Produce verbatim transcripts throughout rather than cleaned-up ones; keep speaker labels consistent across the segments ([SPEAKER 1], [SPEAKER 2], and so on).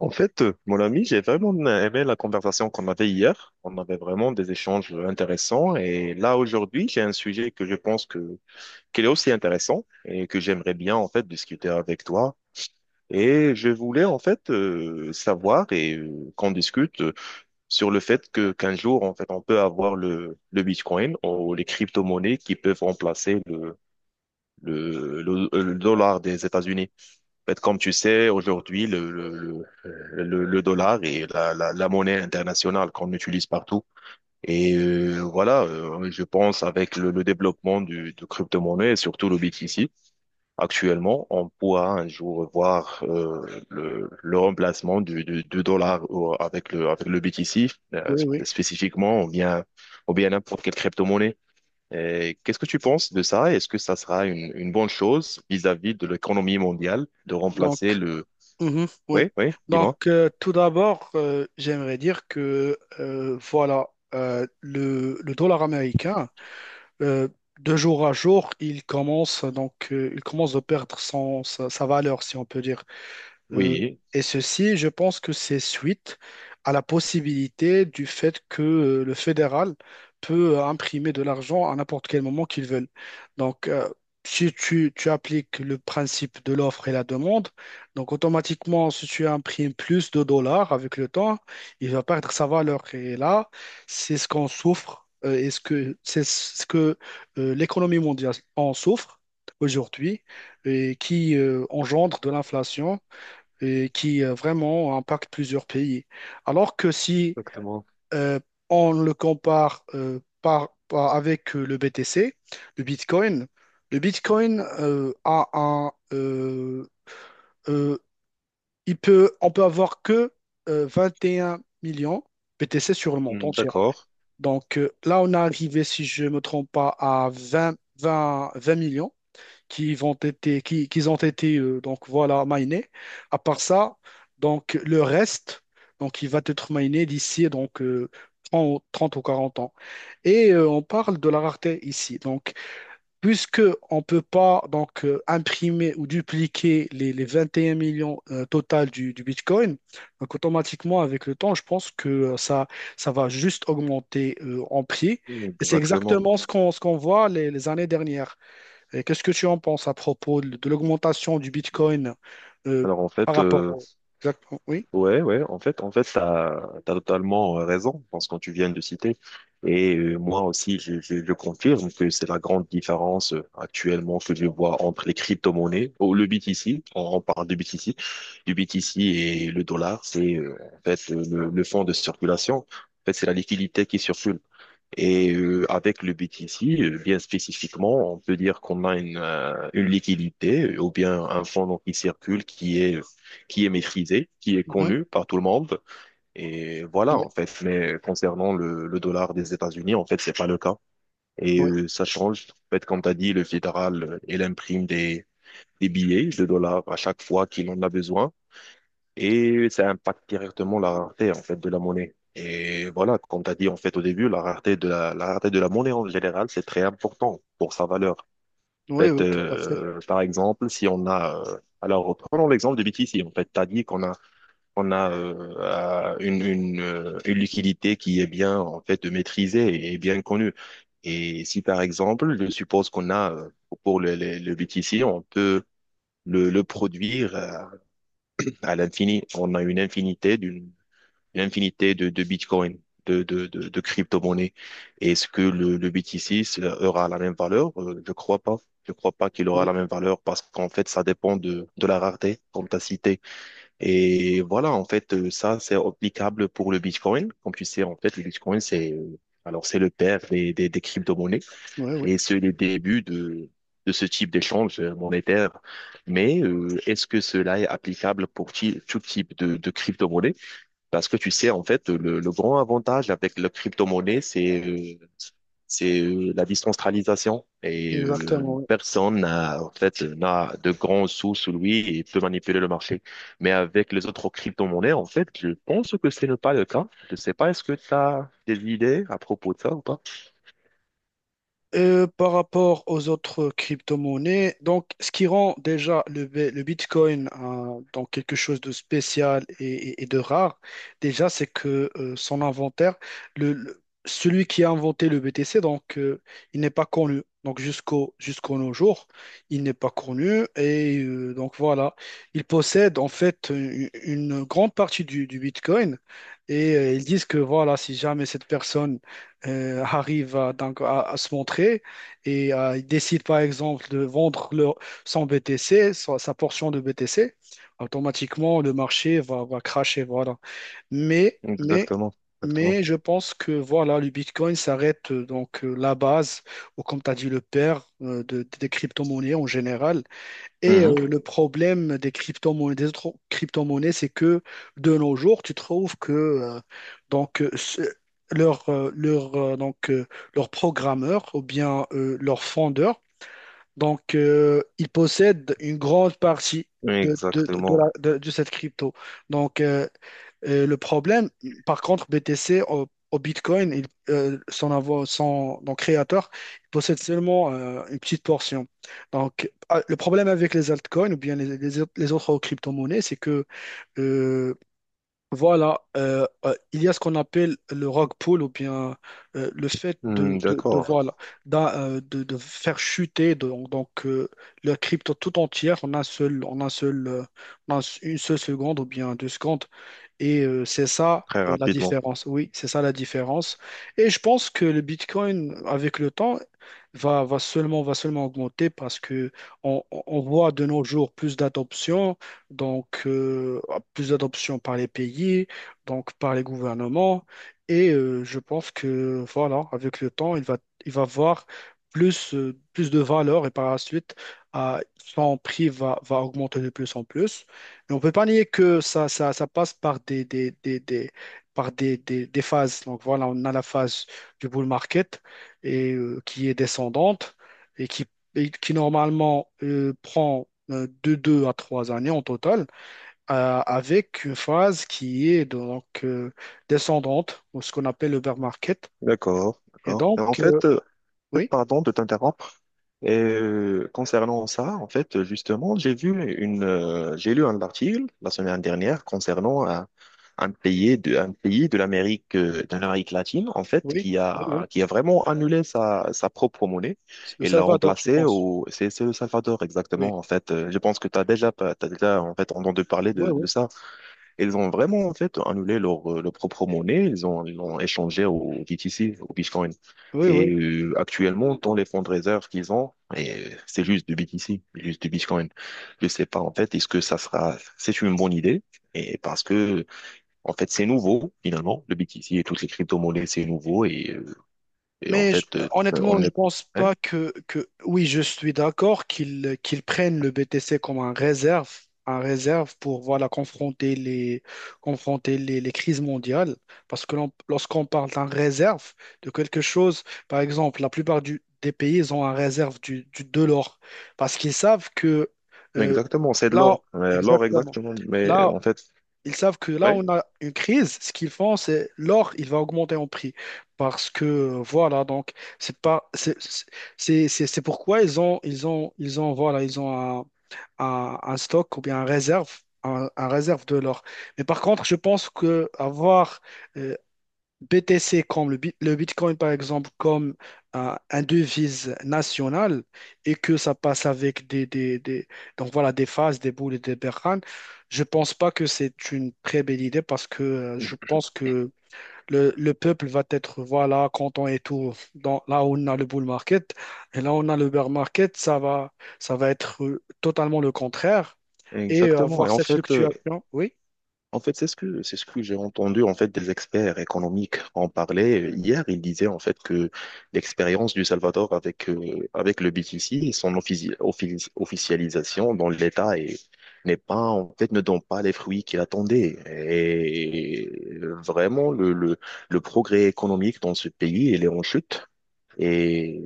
[SPEAKER 1] En fait, euh, mon ami, j'ai vraiment aimé la conversation qu'on avait hier. On avait vraiment des échanges intéressants. Et là, aujourd'hui, j'ai un sujet que je pense que, qu'il est aussi intéressant et que j'aimerais bien, en fait, discuter avec toi. Et je voulais, en fait, euh, savoir et euh, qu'on discute euh, sur le fait que, qu'un jour, en fait, on peut avoir le, le Bitcoin ou les crypto-monnaies qui peuvent remplacer le, le, le le dollar des États-Unis. En fait, comme tu sais, aujourd'hui, le, le, le, le- le dollar est la, la, la monnaie internationale qu'on utilise partout. Et euh, voilà, euh, je pense avec le, le développement du, de crypto-monnaie, et surtout le B T C, actuellement, on pourra un jour voir euh, le, le remplacement du, du, du dollar au- avec le, avec le B T C, euh,
[SPEAKER 2] Oui, oui.
[SPEAKER 1] spécifiquement, ou bien, ou bien n'importe quelle crypto-monnaie. Et Qu'est-ce que tu penses de ça? Est-ce que ça sera une, une bonne chose vis-à-vis de l'économie mondiale de remplacer
[SPEAKER 2] Donc,
[SPEAKER 1] le.
[SPEAKER 2] mhm, oui.
[SPEAKER 1] Oui, oui,
[SPEAKER 2] Donc,
[SPEAKER 1] dis-moi.
[SPEAKER 2] euh, tout d'abord, euh, j'aimerais dire que euh, voilà, euh, le, le dollar américain, euh, de jour à jour, il commence donc, euh, il commence de perdre son, sa, sa valeur, si on peut dire. Euh,
[SPEAKER 1] Oui,
[SPEAKER 2] et ceci, je pense que c'est suite à la possibilité du fait que euh, le fédéral peut euh, imprimer de l'argent à n'importe quel moment qu'ils veulent. Donc, euh, si tu, tu appliques le principe de l'offre et la demande, donc automatiquement, si tu imprimes plus de dollars avec le temps, il va perdre sa valeur. Et là, c'est ce qu'on souffre euh, et ce que, c'est ce que euh, l'économie mondiale en souffre aujourd'hui et qui euh, engendre de l'inflation et qui euh, vraiment impacte plusieurs pays. Alors que si
[SPEAKER 1] exactement.
[SPEAKER 2] euh, on le compare euh, par, par- avec euh, le B T C, le Bitcoin, le Bitcoin euh, a un, euh, euh, il peut, on peut avoir que euh, 21 millions B T C sur le monde
[SPEAKER 1] Hmm,
[SPEAKER 2] entier.
[SPEAKER 1] D'accord.
[SPEAKER 2] Donc euh, là, on est arrivé, si je ne me trompe pas, à vingt, vingt, vingt millions qui vont été, qui, qu'ils ont été euh, donc voilà minés. À part ça, donc le reste, donc il va être miné d'ici donc euh, trente trente ou quarante ans. Et euh, on parle de la rareté ici. Donc puisque on peut pas donc euh, imprimer ou dupliquer les, les vingt et un millions euh, total du, du Bitcoin, donc automatiquement avec le temps, je pense que euh, ça ça va juste augmenter euh, en prix.
[SPEAKER 1] Hmm,
[SPEAKER 2] Et c'est
[SPEAKER 1] Exactement.
[SPEAKER 2] exactement ce qu'on ce qu'on voit les les années dernières. Et qu'est-ce que tu en penses à propos de de l'augmentation du Bitcoin euh,
[SPEAKER 1] Alors en
[SPEAKER 2] par
[SPEAKER 1] fait,
[SPEAKER 2] rapport
[SPEAKER 1] euh,
[SPEAKER 2] au... Exactement. Oui.
[SPEAKER 1] ouais, ouais, en fait, en fait, t'as, t'as totalement euh, raison dans ce que tu viens de citer. Et euh, moi aussi, je, je, je confirme que c'est la grande différence euh, actuellement que je vois entre les crypto-monnaies, ou le B T C, on, on parle de B T C, du B T C et le dollar, c'est euh, en fait euh, le, le fonds de circulation. En fait, c'est la liquidité qui circule. Et euh, avec le B T C, euh, bien spécifiquement, on peut dire qu'on a une, euh, une liquidité euh, ou bien un fonds donc, qui circule, qui est, qui est maîtrisé, qui est
[SPEAKER 2] Mhm.
[SPEAKER 1] connu par tout le monde. Et voilà, en
[SPEAKER 2] Oui,
[SPEAKER 1] fait. Mais concernant le, le dollar des États-Unis, en fait, c'est pas le cas. Et
[SPEAKER 2] oui,
[SPEAKER 1] euh, ça change. En fait, comme tu as dit, le fédéral, euh, il imprime des, des billets de dollars à chaque fois qu'il en a besoin et ça impacte directement la rareté en fait de la monnaie. Et voilà, comme tu as dit en fait au début, la rareté de la, la rareté de la monnaie en général, c'est très important pour sa valeur. En
[SPEAKER 2] oui,
[SPEAKER 1] fait,
[SPEAKER 2] oui, tout à fait.
[SPEAKER 1] euh, par exemple, si on a euh, alors prenons l'exemple de B T C. En fait, tu as dit qu'on a on a euh, euh, une, une, euh, une liquidité qui est bien en fait maîtrisée et bien connue. Et si par exemple, je suppose qu'on a euh, pour le, le, le B T C, on peut le, le produire euh, à l'infini. On a une infinité d'une une infinité de, de Bitcoin, de, de, de, de crypto-monnaies. Est-ce que le, le B T C ça aura la même valeur? Euh, Je crois pas. Je crois pas qu'il aura
[SPEAKER 2] Oui,
[SPEAKER 1] la même valeur parce qu'en fait, ça dépend de, de la rareté, comme tu as cité. Et voilà, en fait, euh, ça, c'est applicable pour le Bitcoin. Comme tu sais, en fait, le Bitcoin, c'est, euh, alors, c'est le père des, des, des crypto-monnaies
[SPEAKER 2] oui, oui,
[SPEAKER 1] et c'est le début de, de ce type d'échange monétaire. Mais euh, est-ce que cela est applicable pour ti- tout type de, de crypto monnaie parce que tu sais, en fait, le, le grand avantage avec la crypto-monnaie, c'est euh, c'est euh, la décentralisation. Et euh,
[SPEAKER 2] exactement. Oui.
[SPEAKER 1] personne n'a, en fait, n'a de grands sous sous lui et peut manipuler le marché. Mais avec les autres crypto-monnaies, en fait, je pense que ce n'est pas le cas. Je ne sais pas, est-ce que tu as des idées à propos de ça ou pas?
[SPEAKER 2] Euh, par rapport aux autres crypto-monnaies, donc ce qui rend déjà le, B- le Bitcoin hein, donc quelque chose de spécial et, et- et de rare, déjà c'est que euh, son inventaire, le, le- celui qui a inventé le B T C, donc euh, il n'est pas connu. Donc jusqu'au jusqu'au nos jours, il n'est pas connu et euh, donc voilà, il possède en fait une, une grande partie du, du Bitcoin et euh, ils disent que voilà, si jamais cette personne euh, arrive à, donc, à, à se montrer et euh, il décide par exemple de vendre leur, son B T C, sa, sa portion de B T C, automatiquement le marché va, va crasher, voilà. Mais, mais,
[SPEAKER 1] Exactement, exactement.
[SPEAKER 2] mais je pense que voilà, le Bitcoin s'arrête euh, donc euh, la base, ou comme tu as dit, le père euh, de- des crypto-monnaies en général. Et
[SPEAKER 1] Mhm.
[SPEAKER 2] euh, le problème des crypto-monnaies, des autres crypto-monnaies, c'est que de nos jours, tu trouves que euh, donc euh, ce- leur, euh, leur, euh, donc euh, leur programmeur ou bien euh, leur fondeur, donc euh, ils possèdent une grande partie de, de, de, de
[SPEAKER 1] Exactement.
[SPEAKER 2] la- de- de cette crypto. Donc euh, et le problème, par contre, B T C au, au Bitcoin, il, euh, son, avo- son- donc créateur il possède seulement euh, une petite portion. Donc, ah, le problème avec les altcoins ou bien les, les autres les autres crypto-monnaies, c'est que euh, voilà, euh, euh, il y a ce qu'on appelle le rug pull ou bien euh, le fait
[SPEAKER 1] Hmm,
[SPEAKER 2] de, de, de,
[SPEAKER 1] d'accord,
[SPEAKER 2] voilà, d'un, euh, de, de faire chuter de- donc, euh, le crypto tout entière en un seul, en un seul, euh, en un- une seule seconde ou bien deux secondes. Et euh, c'est ça
[SPEAKER 1] très
[SPEAKER 2] euh, la
[SPEAKER 1] rapidement.
[SPEAKER 2] différence. Oui, c'est ça la différence. Et je pense que le Bitcoin, avec le temps, va, va seulement, va seulement augmenter parce que on, on- on voit de nos jours plus d'adoption, donc euh, plus d'adoption par les pays, donc par les gouvernements. Et euh, je pense que voilà, avec le temps, il va, il va avoir plus, euh, plus de valeur et par la suite, euh, son prix va, va augmenter de plus en plus. Et on ne peut pas nier que ça, ça, ça passe par des, des, des, des- par des, des, des phases. Donc voilà, on a la phase du bull market et, euh, qui est descendante et qui, et qui normalement euh, prend euh, de deux à trois années en total, euh, avec une phase qui est donc euh, descendante, ou ce qu'on appelle le bear market.
[SPEAKER 1] D'accord,
[SPEAKER 2] Et
[SPEAKER 1] d'accord.
[SPEAKER 2] donc,
[SPEAKER 1] En
[SPEAKER 2] euh,
[SPEAKER 1] fait, euh,
[SPEAKER 2] oui,
[SPEAKER 1] pardon de t'interrompre. Et euh, concernant ça, en fait, justement, j'ai vu une, euh, j'ai lu un article la semaine dernière concernant un, un pays de, un pays de l'Amérique, euh, de l'Amérique latine, en fait,
[SPEAKER 2] oui,
[SPEAKER 1] qui
[SPEAKER 2] oui, oui.
[SPEAKER 1] a, qui a vraiment annulé sa, sa propre monnaie
[SPEAKER 2] C'est le
[SPEAKER 1] et l'a
[SPEAKER 2] Salvador, je
[SPEAKER 1] remplacée
[SPEAKER 2] pense.
[SPEAKER 1] au, c'est, c'est le Salvador,
[SPEAKER 2] Oui,
[SPEAKER 1] exactement, en fait. Euh, Je pense que tu as déjà, t'as déjà, en fait, entendu parler
[SPEAKER 2] oui,
[SPEAKER 1] de, de
[SPEAKER 2] oui,
[SPEAKER 1] ça. Ils ont vraiment en fait annulé leur, euh, leur propre monnaie, ils ont, ils l'ont échangé au B T C, au Bitcoin.
[SPEAKER 2] oui,
[SPEAKER 1] Et
[SPEAKER 2] oui.
[SPEAKER 1] euh, actuellement, dans les fonds de réserve qu'ils ont, et, euh, c'est juste du B T C, juste du Bitcoin. Je sais pas en fait, est-ce que ça sera, c'est une bonne idée? Et parce que en fait, c'est nouveau finalement, le B T C et toutes les crypto-monnaies, c'est nouveau et, euh, et en
[SPEAKER 2] Mais je-
[SPEAKER 1] fait, euh,
[SPEAKER 2] honnêtement,
[SPEAKER 1] on
[SPEAKER 2] je
[SPEAKER 1] est
[SPEAKER 2] pense
[SPEAKER 1] hein.
[SPEAKER 2] pas que, que oui, je suis d'accord qu'ils qu'ils prennent le B T C comme un réserve, un réserve pour voilà confronter les confronter les, les crises mondiales. Parce que l'on- lorsqu'on parle d'un réserve de quelque chose, par exemple, la plupart du- des pays ils ont un réserve du, du- de l'or parce qu'ils savent que euh,
[SPEAKER 1] Exactement, c'est de
[SPEAKER 2] là
[SPEAKER 1] l'or, Euh, l'or
[SPEAKER 2] exactement
[SPEAKER 1] exactement, mais
[SPEAKER 2] là
[SPEAKER 1] en fait,
[SPEAKER 2] ils savent que là,
[SPEAKER 1] ouais,
[SPEAKER 2] on a une crise. Ce qu'ils font, c'est l'or, il va augmenter en prix. Parce que, euh, voilà, donc, c'est pas, c'est c'est- c'est- c'est pourquoi ils ont, ils ont, ils ont, voilà, ils ont un, un- un stock ou bien un réserve, un, un réserve de l'or. Mais par contre, je pense que avoir euh, B T C comme le, bit- le Bitcoin, par exemple, comme euh, un devise nationale et que ça passe avec des, des, des- donc voilà, des phases, des boules et des berranes, je pense pas que c'est une très belle idée parce que euh, je pense que le, le peuple va être voilà, content et tout. Dans, là où on a le bull market et là où on a le bear market, ça va, ça va être euh, totalement le contraire et euh,
[SPEAKER 1] exactement. Et
[SPEAKER 2] avoir
[SPEAKER 1] en
[SPEAKER 2] cette
[SPEAKER 1] fait, euh,
[SPEAKER 2] fluctuation. Oui,
[SPEAKER 1] En fait, c'est ce que c'est ce que j'ai entendu en fait des experts économiques en parler hier. Ils disaient en fait que l'expérience du Salvador avec euh, avec le B T C et son offici- offici- officialisation dans l'État est- n'est pas en fait ne donne pas les fruits qu'il attendait. Et vraiment le, le le progrès économique dans ce pays il est en chute. Et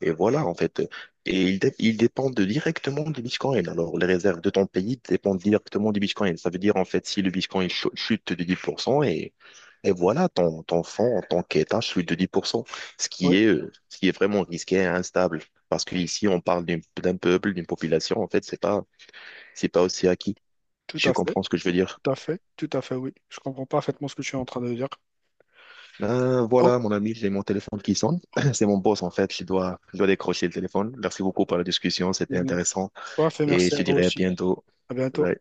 [SPEAKER 1] et voilà, en fait. Et ils, dé- ils dépendent directement du Bitcoin. Alors, les réserves de ton pays dépendent directement du Bitcoin. Ça veut dire, en fait, si le Bitcoin ch- chute de dix pour cent et, et voilà, ton, ton fonds en tant qu'État chute de dix pour cent, ce qui
[SPEAKER 2] oui,
[SPEAKER 1] est, euh, ce qui est vraiment risqué et instable. Parce qu'ici, on parle d'une- d'un peuple, d'une population. En fait, c'est pas, c'est pas aussi acquis.
[SPEAKER 2] tout
[SPEAKER 1] Je
[SPEAKER 2] à fait,
[SPEAKER 1] comprends ce que je veux dire.
[SPEAKER 2] tout à fait, tout à fait, oui. Je comprends parfaitement ce que tu es en train de dire.
[SPEAKER 1] Euh,
[SPEAKER 2] Oh,
[SPEAKER 1] voilà, mon ami, j'ai mon téléphone qui sonne. C'est mon boss, en fait. Je dois, je dois décrocher le téléphone. Merci beaucoup pour la discussion. C'était intéressant.
[SPEAKER 2] toi, fait
[SPEAKER 1] et
[SPEAKER 2] merci
[SPEAKER 1] je
[SPEAKER 2] à
[SPEAKER 1] te
[SPEAKER 2] vous
[SPEAKER 1] dirai à
[SPEAKER 2] aussi.
[SPEAKER 1] bientôt.
[SPEAKER 2] À bientôt.
[SPEAKER 1] Bye.